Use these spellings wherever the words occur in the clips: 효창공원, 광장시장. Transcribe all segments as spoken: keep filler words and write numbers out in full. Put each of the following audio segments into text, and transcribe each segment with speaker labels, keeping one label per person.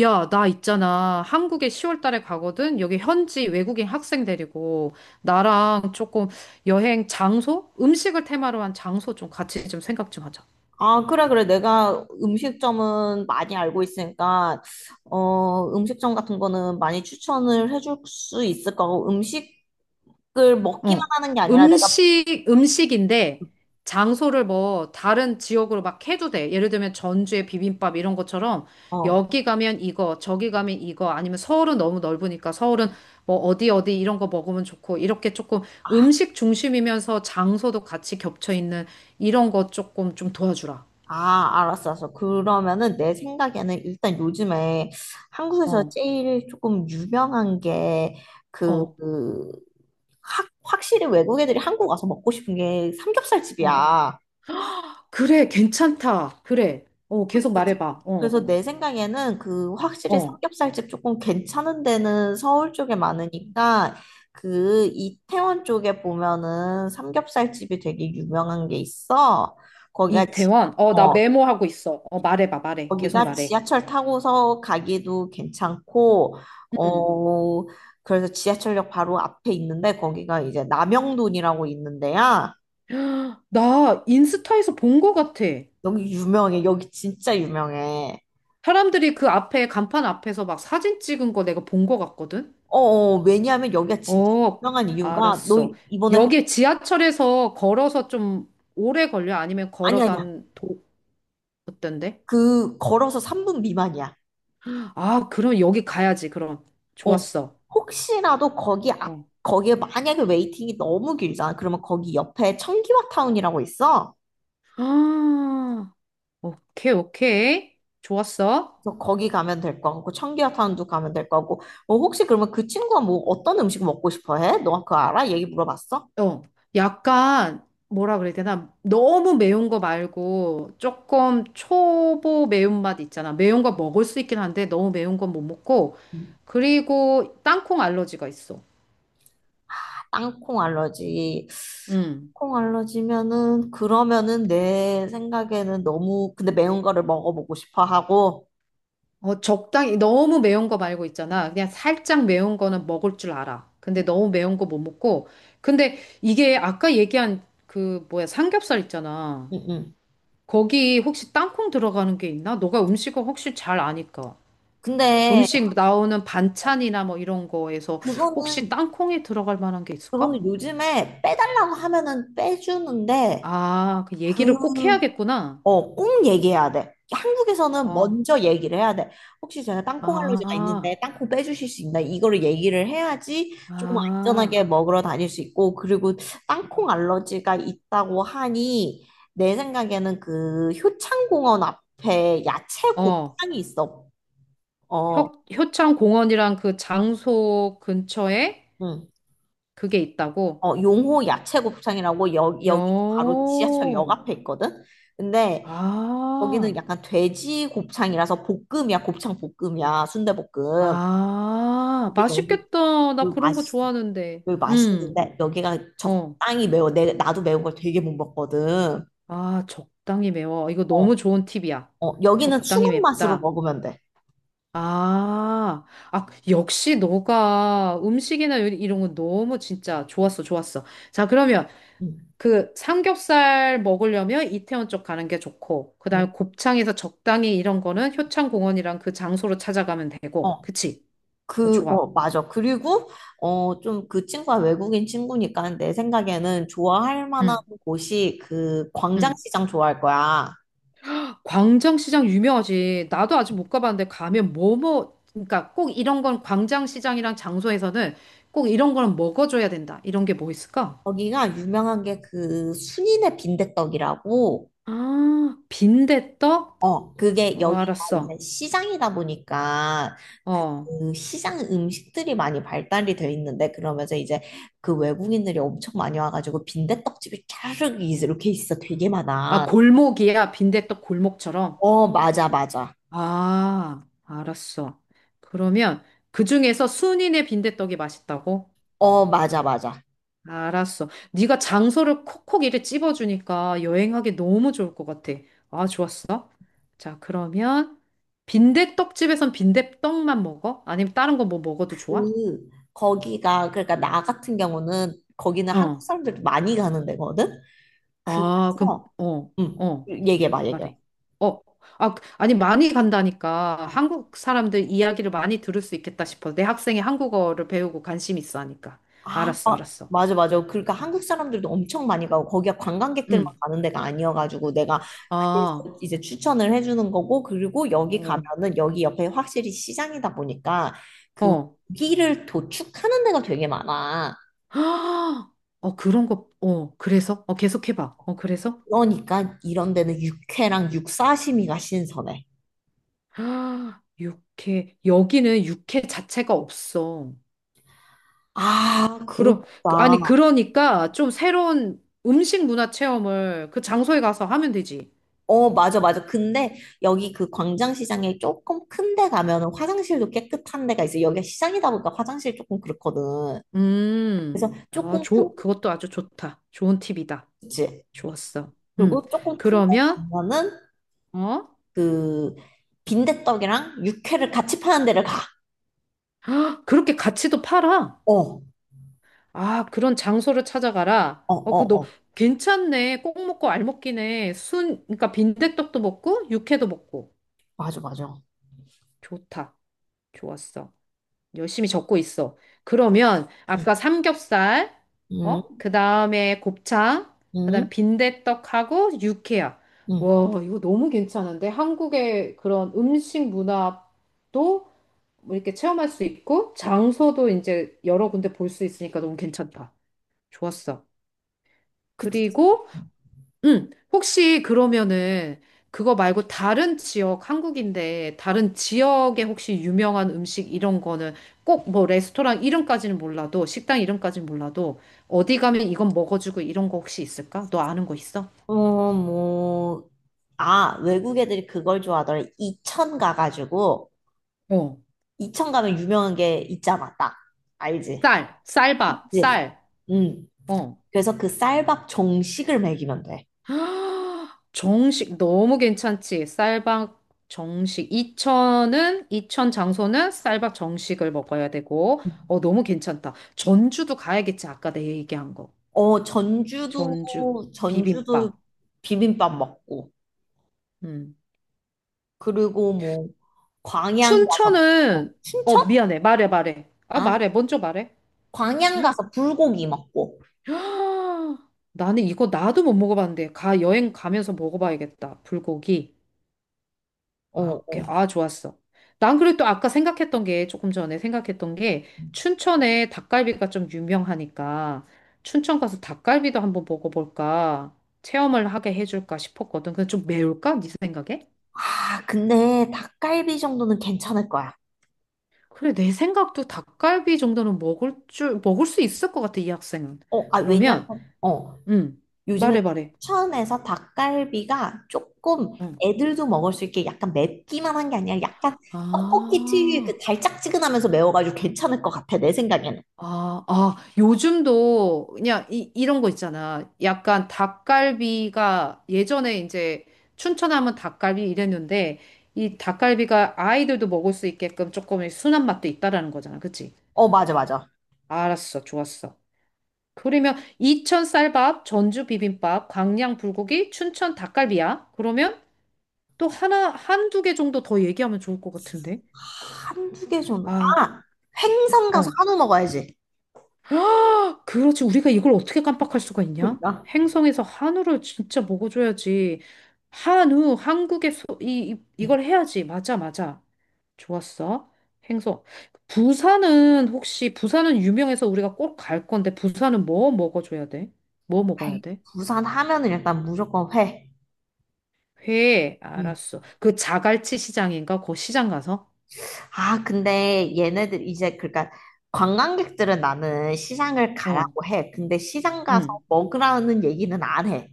Speaker 1: 야, 나 있잖아. 한국에 시월 달에 가거든. 여기 현지 외국인 학생 데리고 나랑 조금 여행 장소, 음식을 테마로 한 장소 좀 같이 좀 생각 좀 하자.
Speaker 2: 아, 그래, 그래. 내가 음식점은 많이 알고 있으니까, 어, 음식점 같은 거는 많이 추천을 해줄 수 있을 거고, 음식을 먹기만
Speaker 1: 어,
Speaker 2: 하는 게 아니라 내가,
Speaker 1: 음식, 음식인데 장소를 뭐 다른 지역으로 막 해도 돼. 예를 들면 전주의 비빔밥 이런 것처럼
Speaker 2: 어,
Speaker 1: 여기 가면 이거, 저기 가면 이거, 아니면 서울은 너무 넓으니까 서울은 뭐 어디 어디 이런 거 먹으면 좋고 이렇게 조금
Speaker 2: 아,
Speaker 1: 음식 중심이면서 장소도 같이 겹쳐 있는 이런 거 조금 좀 도와주라.
Speaker 2: 아, 알았어, 알았어. 그러면은 내 생각에는 일단 요즘에 한국에서
Speaker 1: 어,
Speaker 2: 제일 조금 유명한 게, 그,
Speaker 1: 어,
Speaker 2: 그, 확, 확실히 외국 애들이 한국 와서 먹고 싶은 게
Speaker 1: 어.
Speaker 2: 삼겹살집이야.
Speaker 1: 그래, 괜찮다. 그래. 어, 계속
Speaker 2: 그치.
Speaker 1: 말해봐. 어,
Speaker 2: 그래서 내 생각에는 그 확실히
Speaker 1: 어.
Speaker 2: 삼겹살집 조금 괜찮은 데는 서울 쪽에
Speaker 1: 어.
Speaker 2: 많으니까 그 이태원 쪽에 보면은 삼겹살집이 되게 유명한 게 있어. 거기가 지-
Speaker 1: 이태원? 어, 나
Speaker 2: 어
Speaker 1: 메모하고 있어. 어, 말해봐, 말해. 계속
Speaker 2: 거기가
Speaker 1: 말해.
Speaker 2: 지하철 타고서 가기도 괜찮고
Speaker 1: 응.
Speaker 2: 어 그래서 지하철역 바로 앞에 있는데 거기가 이제 남영돈이라고 있는데야.
Speaker 1: 나 인스타에서 본 거 같아.
Speaker 2: 여기 유명해. 여기 진짜 유명해.
Speaker 1: 사람들이 그 앞에, 간판 앞에서 막 사진 찍은 거 내가 본 거 같거든?
Speaker 2: 어, 어, 왜냐하면 여기가 진짜
Speaker 1: 어,
Speaker 2: 유명한 이유가 너
Speaker 1: 알았어.
Speaker 2: 이번에 그-
Speaker 1: 여기 지하철에서 걸어서 좀 오래 걸려? 아니면
Speaker 2: 아니
Speaker 1: 걸어서
Speaker 2: 아니야.
Speaker 1: 한 도, 어떤데?
Speaker 2: 그 걸어서 삼 분 미만이야.
Speaker 1: 아, 그럼 여기 가야지, 그럼.
Speaker 2: 어.
Speaker 1: 좋았어.
Speaker 2: 혹시라도 거기 앞
Speaker 1: 어.
Speaker 2: 거기에 만약에 웨이팅이 너무 길잖아. 그러면 거기 옆에 청기화 타운이라고 있어.
Speaker 1: 아, 오케이, 오케이. 좋았어.
Speaker 2: 그래서 거기 가면 될 거고 청기화 타운도 가면 될 거고. 어, 혹시 그러면 그 친구가 뭐 어떤 음식 먹고 싶어 해? 너 그거 알아? 얘기 물어봤어?
Speaker 1: 어, 약간 뭐라 그래야 되나? 너무 매운 거 말고 조금 초보 매운맛 있잖아. 매운 거 먹을 수 있긴 한데 너무 매운 건 못 먹고.
Speaker 2: 음.
Speaker 1: 그리고 땅콩 알러지가 있어.
Speaker 2: 땅콩 알러지.
Speaker 1: 음.
Speaker 2: 콩 알러지면은 그러면은 내 생각에는 너무 근데 매운 거를 먹어보고 싶어 하고
Speaker 1: 어, 적당히 너무 매운 거 말고 있잖아. 그냥 살짝 매운 거는 먹을 줄 알아. 근데 너무 매운 거 못 먹고. 근데 이게 아까 얘기한 그 뭐야 삼겹살 있잖아.
Speaker 2: 응응.
Speaker 1: 거기 혹시 땅콩 들어가는 게 있나? 너가 음식을 혹시 잘 아니까.
Speaker 2: 근데
Speaker 1: 음식 나오는 반찬이나 뭐 이런 거에서 혹시
Speaker 2: 그거는
Speaker 1: 땅콩이 들어갈 만한 게 있을까?
Speaker 2: 그거는 요즘에 빼달라고 하면은 빼주는데
Speaker 1: 아, 그
Speaker 2: 그
Speaker 1: 얘기를 꼭 해야겠구나.
Speaker 2: 어, 꼭 얘기해야 돼. 한국에서는
Speaker 1: 어,
Speaker 2: 먼저 얘기를 해야 돼. 혹시 제가 땅콩 알러지가 있는데
Speaker 1: 아,
Speaker 2: 땅콩 빼주실 수 있나? 이거를 얘기를 해야지 조금
Speaker 1: 아,
Speaker 2: 안전하게 먹으러 다닐 수 있고, 그리고 땅콩 알러지가 있다고 하니, 내 생각에는 그 효창공원 앞에 야채
Speaker 1: 어,
Speaker 2: 곱창이 있어. 어,
Speaker 1: 효, 효창 공원이랑 그 장소 근처에
Speaker 2: 응.
Speaker 1: 그게 있다고?
Speaker 2: 어, 용호 야채 곱창이라고 여, 여기 바로 지하철역
Speaker 1: 요,
Speaker 2: 앞에 있거든? 근데 여기는
Speaker 1: 아,
Speaker 2: 약간 돼지 곱창이라서 볶음이야, 곱창 볶음이야, 순대볶음.
Speaker 1: 아,
Speaker 2: 근데 여기
Speaker 1: 맛있겠다. 나
Speaker 2: 여기
Speaker 1: 그런 거
Speaker 2: 맛있어.
Speaker 1: 좋아하는데.
Speaker 2: 여기
Speaker 1: 음,
Speaker 2: 맛있는데 여기가
Speaker 1: 어,
Speaker 2: 적당히 매워. 내 나도 매운 걸 되게 못 먹거든.
Speaker 1: 아, 적당히 매워. 이거
Speaker 2: 어,
Speaker 1: 너무 좋은 팁이야.
Speaker 2: 어 여기는
Speaker 1: 적당히
Speaker 2: 추는 맛으로
Speaker 1: 맵다.
Speaker 2: 먹으면 돼.
Speaker 1: 아, 아, 역시 너가 음식이나 요리 이런 거 너무 진짜 좋았어, 좋았어. 자, 그러면
Speaker 2: 응,
Speaker 1: 그 삼겹살 먹으려면 이태원 쪽 가는 게 좋고, 그
Speaker 2: 응.
Speaker 1: 다음에 곱창에서 적당히 이런 거는 효창공원이랑 그 장소로 찾아가면 되고,
Speaker 2: 어,
Speaker 1: 그치? 어,
Speaker 2: 그, 어,
Speaker 1: 좋아.
Speaker 2: 맞아. 그리고 어, 좀 그 친구가 외국인 친구니까 내 생각에는 좋아할 만한
Speaker 1: 응,
Speaker 2: 곳이 그
Speaker 1: 응.
Speaker 2: 광장시장 좋아할 거야.
Speaker 1: 광장시장 유명하지. 나도 아직 못 가봤는데 가면 뭐뭐, 그러니까 꼭 이런 건 광장시장이랑 장소에서는 꼭 이런 거는 먹어줘야 된다. 이런 게 뭐 있을까?
Speaker 2: 거기가 유명한 게 그 순이네 빈대떡이라고
Speaker 1: 아, 빈대떡?
Speaker 2: 어, 그게
Speaker 1: 어,
Speaker 2: 여기가 이제
Speaker 1: 알았어.
Speaker 2: 시장이다 보니까
Speaker 1: 어.
Speaker 2: 그 시장 음식들이 많이 발달이 돼 있는데 그러면서 이제 그 외국인들이 엄청 많이 와가지고 빈대떡집이 쫙 이렇게 있어. 되게
Speaker 1: 아,
Speaker 2: 많아.
Speaker 1: 골목이야. 빈대떡 골목처럼.
Speaker 2: 어, 맞아, 맞아.
Speaker 1: 아, 알았어. 그러면 그 중에서 순이네 빈대떡이 맛있다고?
Speaker 2: 어, 맞아, 맞아.
Speaker 1: 알았어. 네가 장소를 콕콕 이렇게 찝어주니까 여행하기 너무 좋을 것 같아. 아, 좋았어. 자, 그러면 빈대떡집에선 빈대떡만 먹어? 아니면 다른 거 뭐 먹어도 좋아?
Speaker 2: 그, 거기가, 그러니까 나 같은 경우는 거기는 한국
Speaker 1: 어.
Speaker 2: 사람들도 많이 가는 데거든?
Speaker 1: 아, 그럼,
Speaker 2: 그래서,
Speaker 1: 어,
Speaker 2: 음
Speaker 1: 어.
Speaker 2: 얘기해봐, 얘기해봐.
Speaker 1: 말해. 어, 아, 그, 아니, 많이 간다니까.
Speaker 2: 어.
Speaker 1: 한국 사람들 이야기를 많이 들을 수 있겠다 싶어. 내 학생이 한국어를 배우고 관심 있어 하니까.
Speaker 2: 아,
Speaker 1: 알았어,
Speaker 2: 아,
Speaker 1: 알았어.
Speaker 2: 맞아, 맞아. 그러니까
Speaker 1: 응.
Speaker 2: 한국 사람들도 엄청 많이 가고, 거기가 관광객들만
Speaker 1: 응.
Speaker 2: 가는 데가 아니어가지고, 내가
Speaker 1: 아,
Speaker 2: 그래서 이제 추천을 해주는 거고, 그리고 여기
Speaker 1: 어,
Speaker 2: 가면은, 여기 옆에 확실히 시장이다 보니까, 그
Speaker 1: 어.
Speaker 2: 고기를 도축하는 데가 되게 많아.
Speaker 1: 헉! 어, 그런 거, 어, 그래서? 어, 계속 해봐. 어, 그래서?
Speaker 2: 그러니까 이런 데는 육회랑 육사시미가 신선해.
Speaker 1: 아, 육회, 여기는 육회 자체가 없어.
Speaker 2: 아, 그렇다.
Speaker 1: 그러, 아니, 그러니까 좀 새로운 음식 문화 체험을 그 장소에 가서 하면 되지.
Speaker 2: 어, 맞아, 맞아. 근데 여기 그 광장시장에 조금 큰데 가면은 화장실도 깨끗한 데가 있어. 여기가 시장이다 보니까 화장실 조금 그렇거든.
Speaker 1: 음,
Speaker 2: 그래서
Speaker 1: 아,
Speaker 2: 조금 큰
Speaker 1: 좋, 그것도 아주 좋다. 좋은 팁이다.
Speaker 2: 그치.
Speaker 1: 좋았어. 음,
Speaker 2: 그리고 조금 큰데
Speaker 1: 그러면,
Speaker 2: 가면은
Speaker 1: 어?
Speaker 2: 그 빈대떡이랑 육회를 같이 파는 데를 가.
Speaker 1: 그렇게 같이도 팔아.
Speaker 2: 어, 어,
Speaker 1: 아, 그런 장소를 찾아가라.
Speaker 2: 어,
Speaker 1: 어, 그, 너,
Speaker 2: 어.
Speaker 1: 괜찮네. 꼭 먹고 알 먹기네. 순, 그러니까 빈대떡도 먹고, 육회도 먹고.
Speaker 2: 맞아, 맞아.
Speaker 1: 좋다. 좋았어. 열심히 적고 있어. 그러면
Speaker 2: 응,
Speaker 1: 아까 삼겹살,
Speaker 2: 응,
Speaker 1: 어? 그 다음에 곱창, 그
Speaker 2: 응.
Speaker 1: 다음 빈대떡하고 육회야.
Speaker 2: 응.
Speaker 1: 와, 이거 너무 괜찮은데? 한국의 그런 음식 문화도 뭐 이렇게 체험할 수 있고, 장소도 이제 여러 군데 볼 수 있으니까 너무 괜찮다. 좋았어.
Speaker 2: 그치.
Speaker 1: 그리고 응, 혹시 그러면은 그거 말고 다른 지역, 한국인데 다른 지역에 혹시 유명한 음식 이런 거는 꼭 뭐 레스토랑 이름까지는 몰라도 식당 이름까지는 몰라도 어디 가면 이건 먹어주고 이런 거 혹시 있을까? 너 아는 거 있어?
Speaker 2: 어, 뭐. 아, 외국 애들이 그걸 좋아하더라. 이천 가가지고,
Speaker 1: 어.
Speaker 2: 이천 가면 유명한 게 있잖아, 딱. 알지?
Speaker 1: 쌀, 쌀밥,
Speaker 2: 그치?
Speaker 1: 쌀.
Speaker 2: 응.
Speaker 1: 어.
Speaker 2: 그래서 그 쌀밥 정식을 먹이면 돼.
Speaker 1: 헉, 정식 너무 괜찮지? 쌀밥 정식 이천은 이천 장소는 쌀밥 정식을 먹어야 되고 어 너무 괜찮다. 전주도 가야겠지. 아까 내 얘기한 거.
Speaker 2: 어, 전주도,
Speaker 1: 전주
Speaker 2: 전주도
Speaker 1: 비빔밥.
Speaker 2: 비빔밥 먹고.
Speaker 1: 음.
Speaker 2: 그리고 뭐 광양 가서 어,
Speaker 1: 춘천은 어
Speaker 2: 춘천?
Speaker 1: 미안해. 말해 말해. 아
Speaker 2: 아,
Speaker 1: 말해. 먼저 말해.
Speaker 2: 광양
Speaker 1: 응?
Speaker 2: 가서 불고기 먹고.
Speaker 1: 헉, 나는 이거 나도 못 먹어봤는데 가 여행 가면서 먹어봐야겠다. 불고기.
Speaker 2: 어,
Speaker 1: 아, 오케이.
Speaker 2: 어.
Speaker 1: 아, 좋았어. 난 그래도 또 아까 생각했던 게, 조금 전에 생각했던 게, 춘천에 닭갈비가 좀 유명하니까, 춘천 가서 닭갈비도 한번 먹어볼까, 체험을 하게 해줄까 싶었거든. 근데 좀 매울까? 네 생각에?
Speaker 2: 아, 근데 닭갈비 정도는 괜찮을 거야.
Speaker 1: 그래, 내 생각도 닭갈비 정도는 먹을 줄, 먹을 수 있을 것 같아, 이 학생은.
Speaker 2: 어, 아, 왜냐면
Speaker 1: 그러면,
Speaker 2: 어,
Speaker 1: 음,
Speaker 2: 요즘에
Speaker 1: 말해, 말해.
Speaker 2: 춘천에서 닭갈비가 조금
Speaker 1: 응.
Speaker 2: 애들도 먹을 수 있게 약간 맵기만 한 게 아니라 약간 떡볶이 특유의 그
Speaker 1: 아.
Speaker 2: 달짝지근하면서 매워가지고 괜찮을 것 같아, 내 생각에는.
Speaker 1: 아, 아, 요즘도 그냥 이, 이런 거 있잖아. 약간 닭갈비가 예전에 이제 춘천 하면 닭갈비 이랬는데 이 닭갈비가 아이들도 먹을 수 있게끔 조금 순한 맛도 있다라는 거잖아. 그치?
Speaker 2: 어, 맞아, 맞아.
Speaker 1: 알았어. 좋았어. 그러면 이천 쌀밥, 전주 비빔밥, 광양 불고기, 춘천 닭갈비야. 그러면 또 하나, 한두 개 정도 더 얘기하면 좋을 것 같은데.
Speaker 2: 한 두 개 정도.
Speaker 1: 아,
Speaker 2: 아, 횡성 가서
Speaker 1: 어.
Speaker 2: 한우 먹어야지.
Speaker 1: 아, 그렇지. 우리가 이걸 어떻게 깜빡할 수가 있냐?
Speaker 2: 그러니까.
Speaker 1: 행성에서 한우를 진짜 먹어줘야지. 한우, 한국의 소, 이, 이-
Speaker 2: 응.
Speaker 1: 이걸 해야지. 맞아, 맞아. 좋았어. 행성. 부산은 혹시, 부산은 유명해서 우리가 꼭 갈 건데, 부산은 뭐 먹어줘야 돼? 뭐 먹어야
Speaker 2: 회.
Speaker 1: 돼?
Speaker 2: 부산 하면은 일단 무조건 회.
Speaker 1: 회,
Speaker 2: 음.
Speaker 1: 알았어. 그 자갈치 시장인가? 그 시장 가서?
Speaker 2: 아, 근데 얘네들 이제 그러니까 관광객들은 나는 시장을
Speaker 1: 어,
Speaker 2: 가라고 해. 근데 시장 가서
Speaker 1: 응.
Speaker 2: 먹으라는 얘기는 안 해.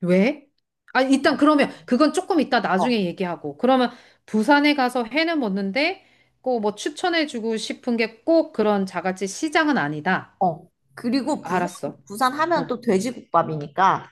Speaker 1: 왜? 아, 일단
Speaker 2: 그냥,
Speaker 1: 그러면 그건 조금 이따 나중에
Speaker 2: 어,
Speaker 1: 얘기하고. 그러면 부산에 가서 회는 먹는데 꼭 뭐 추천해주고 싶은 게 꼭 그런 자갈치 시장은 아니다.
Speaker 2: 어. 그리고 부산
Speaker 1: 알았어.
Speaker 2: 부산 하면
Speaker 1: 어.
Speaker 2: 또 돼지국밥이니까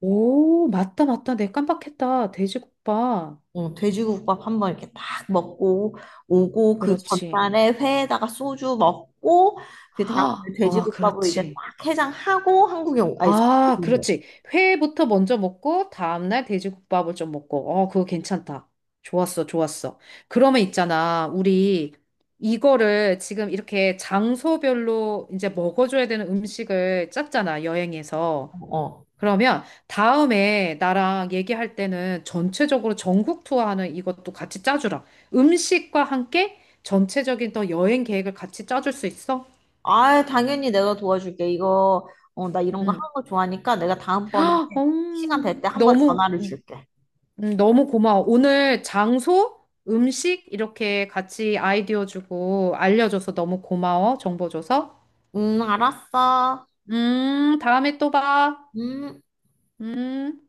Speaker 1: 오, 맞다, 맞다. 내가 깜빡했다. 돼지국밥.
Speaker 2: 응, 돼지국밥 한번 이렇게 딱 먹고 오고 그
Speaker 1: 그렇지.
Speaker 2: 전날에 회에다가 소주 먹고 그 다음에
Speaker 1: 아, 아,
Speaker 2: 돼지국밥으로 이제
Speaker 1: 그렇지.
Speaker 2: 딱 해장하고 한국에 오, 아니,
Speaker 1: 아, 그렇지. 회부터 먼저 먹고, 다음날 돼지국밥을 좀 먹고. 어, 그거 괜찮다. 좋았어, 좋았어. 그러면 있잖아. 우리 이거를 지금 이렇게 장소별로 이제 먹어줘야 되는 음식을 짰잖아, 여행에서.
Speaker 2: 어. 어.
Speaker 1: 그러면 다음에 나랑 얘기할 때는 전체적으로 전국 투어하는 이것도 같이 짜주라. 음식과 함께 전체적인 또 여행 계획을 같이 짜줄 수 있어?
Speaker 2: 아, 당연히 내가 도와줄게. 이거, 어, 나 이런 거 하는
Speaker 1: 응.
Speaker 2: 거 좋아하니까 내가 다음번에 시간 될
Speaker 1: 음,
Speaker 2: 때 한번
Speaker 1: 너무
Speaker 2: 전화를 줄게.
Speaker 1: 음, 너무 고마워. 오늘 장소, 음식 이렇게 같이 아이디어 주고 알려줘서 너무 고마워. 정보 줘서.
Speaker 2: 음, 알았어.
Speaker 1: 음, 다음에 또 봐.
Speaker 2: 음.
Speaker 1: 음.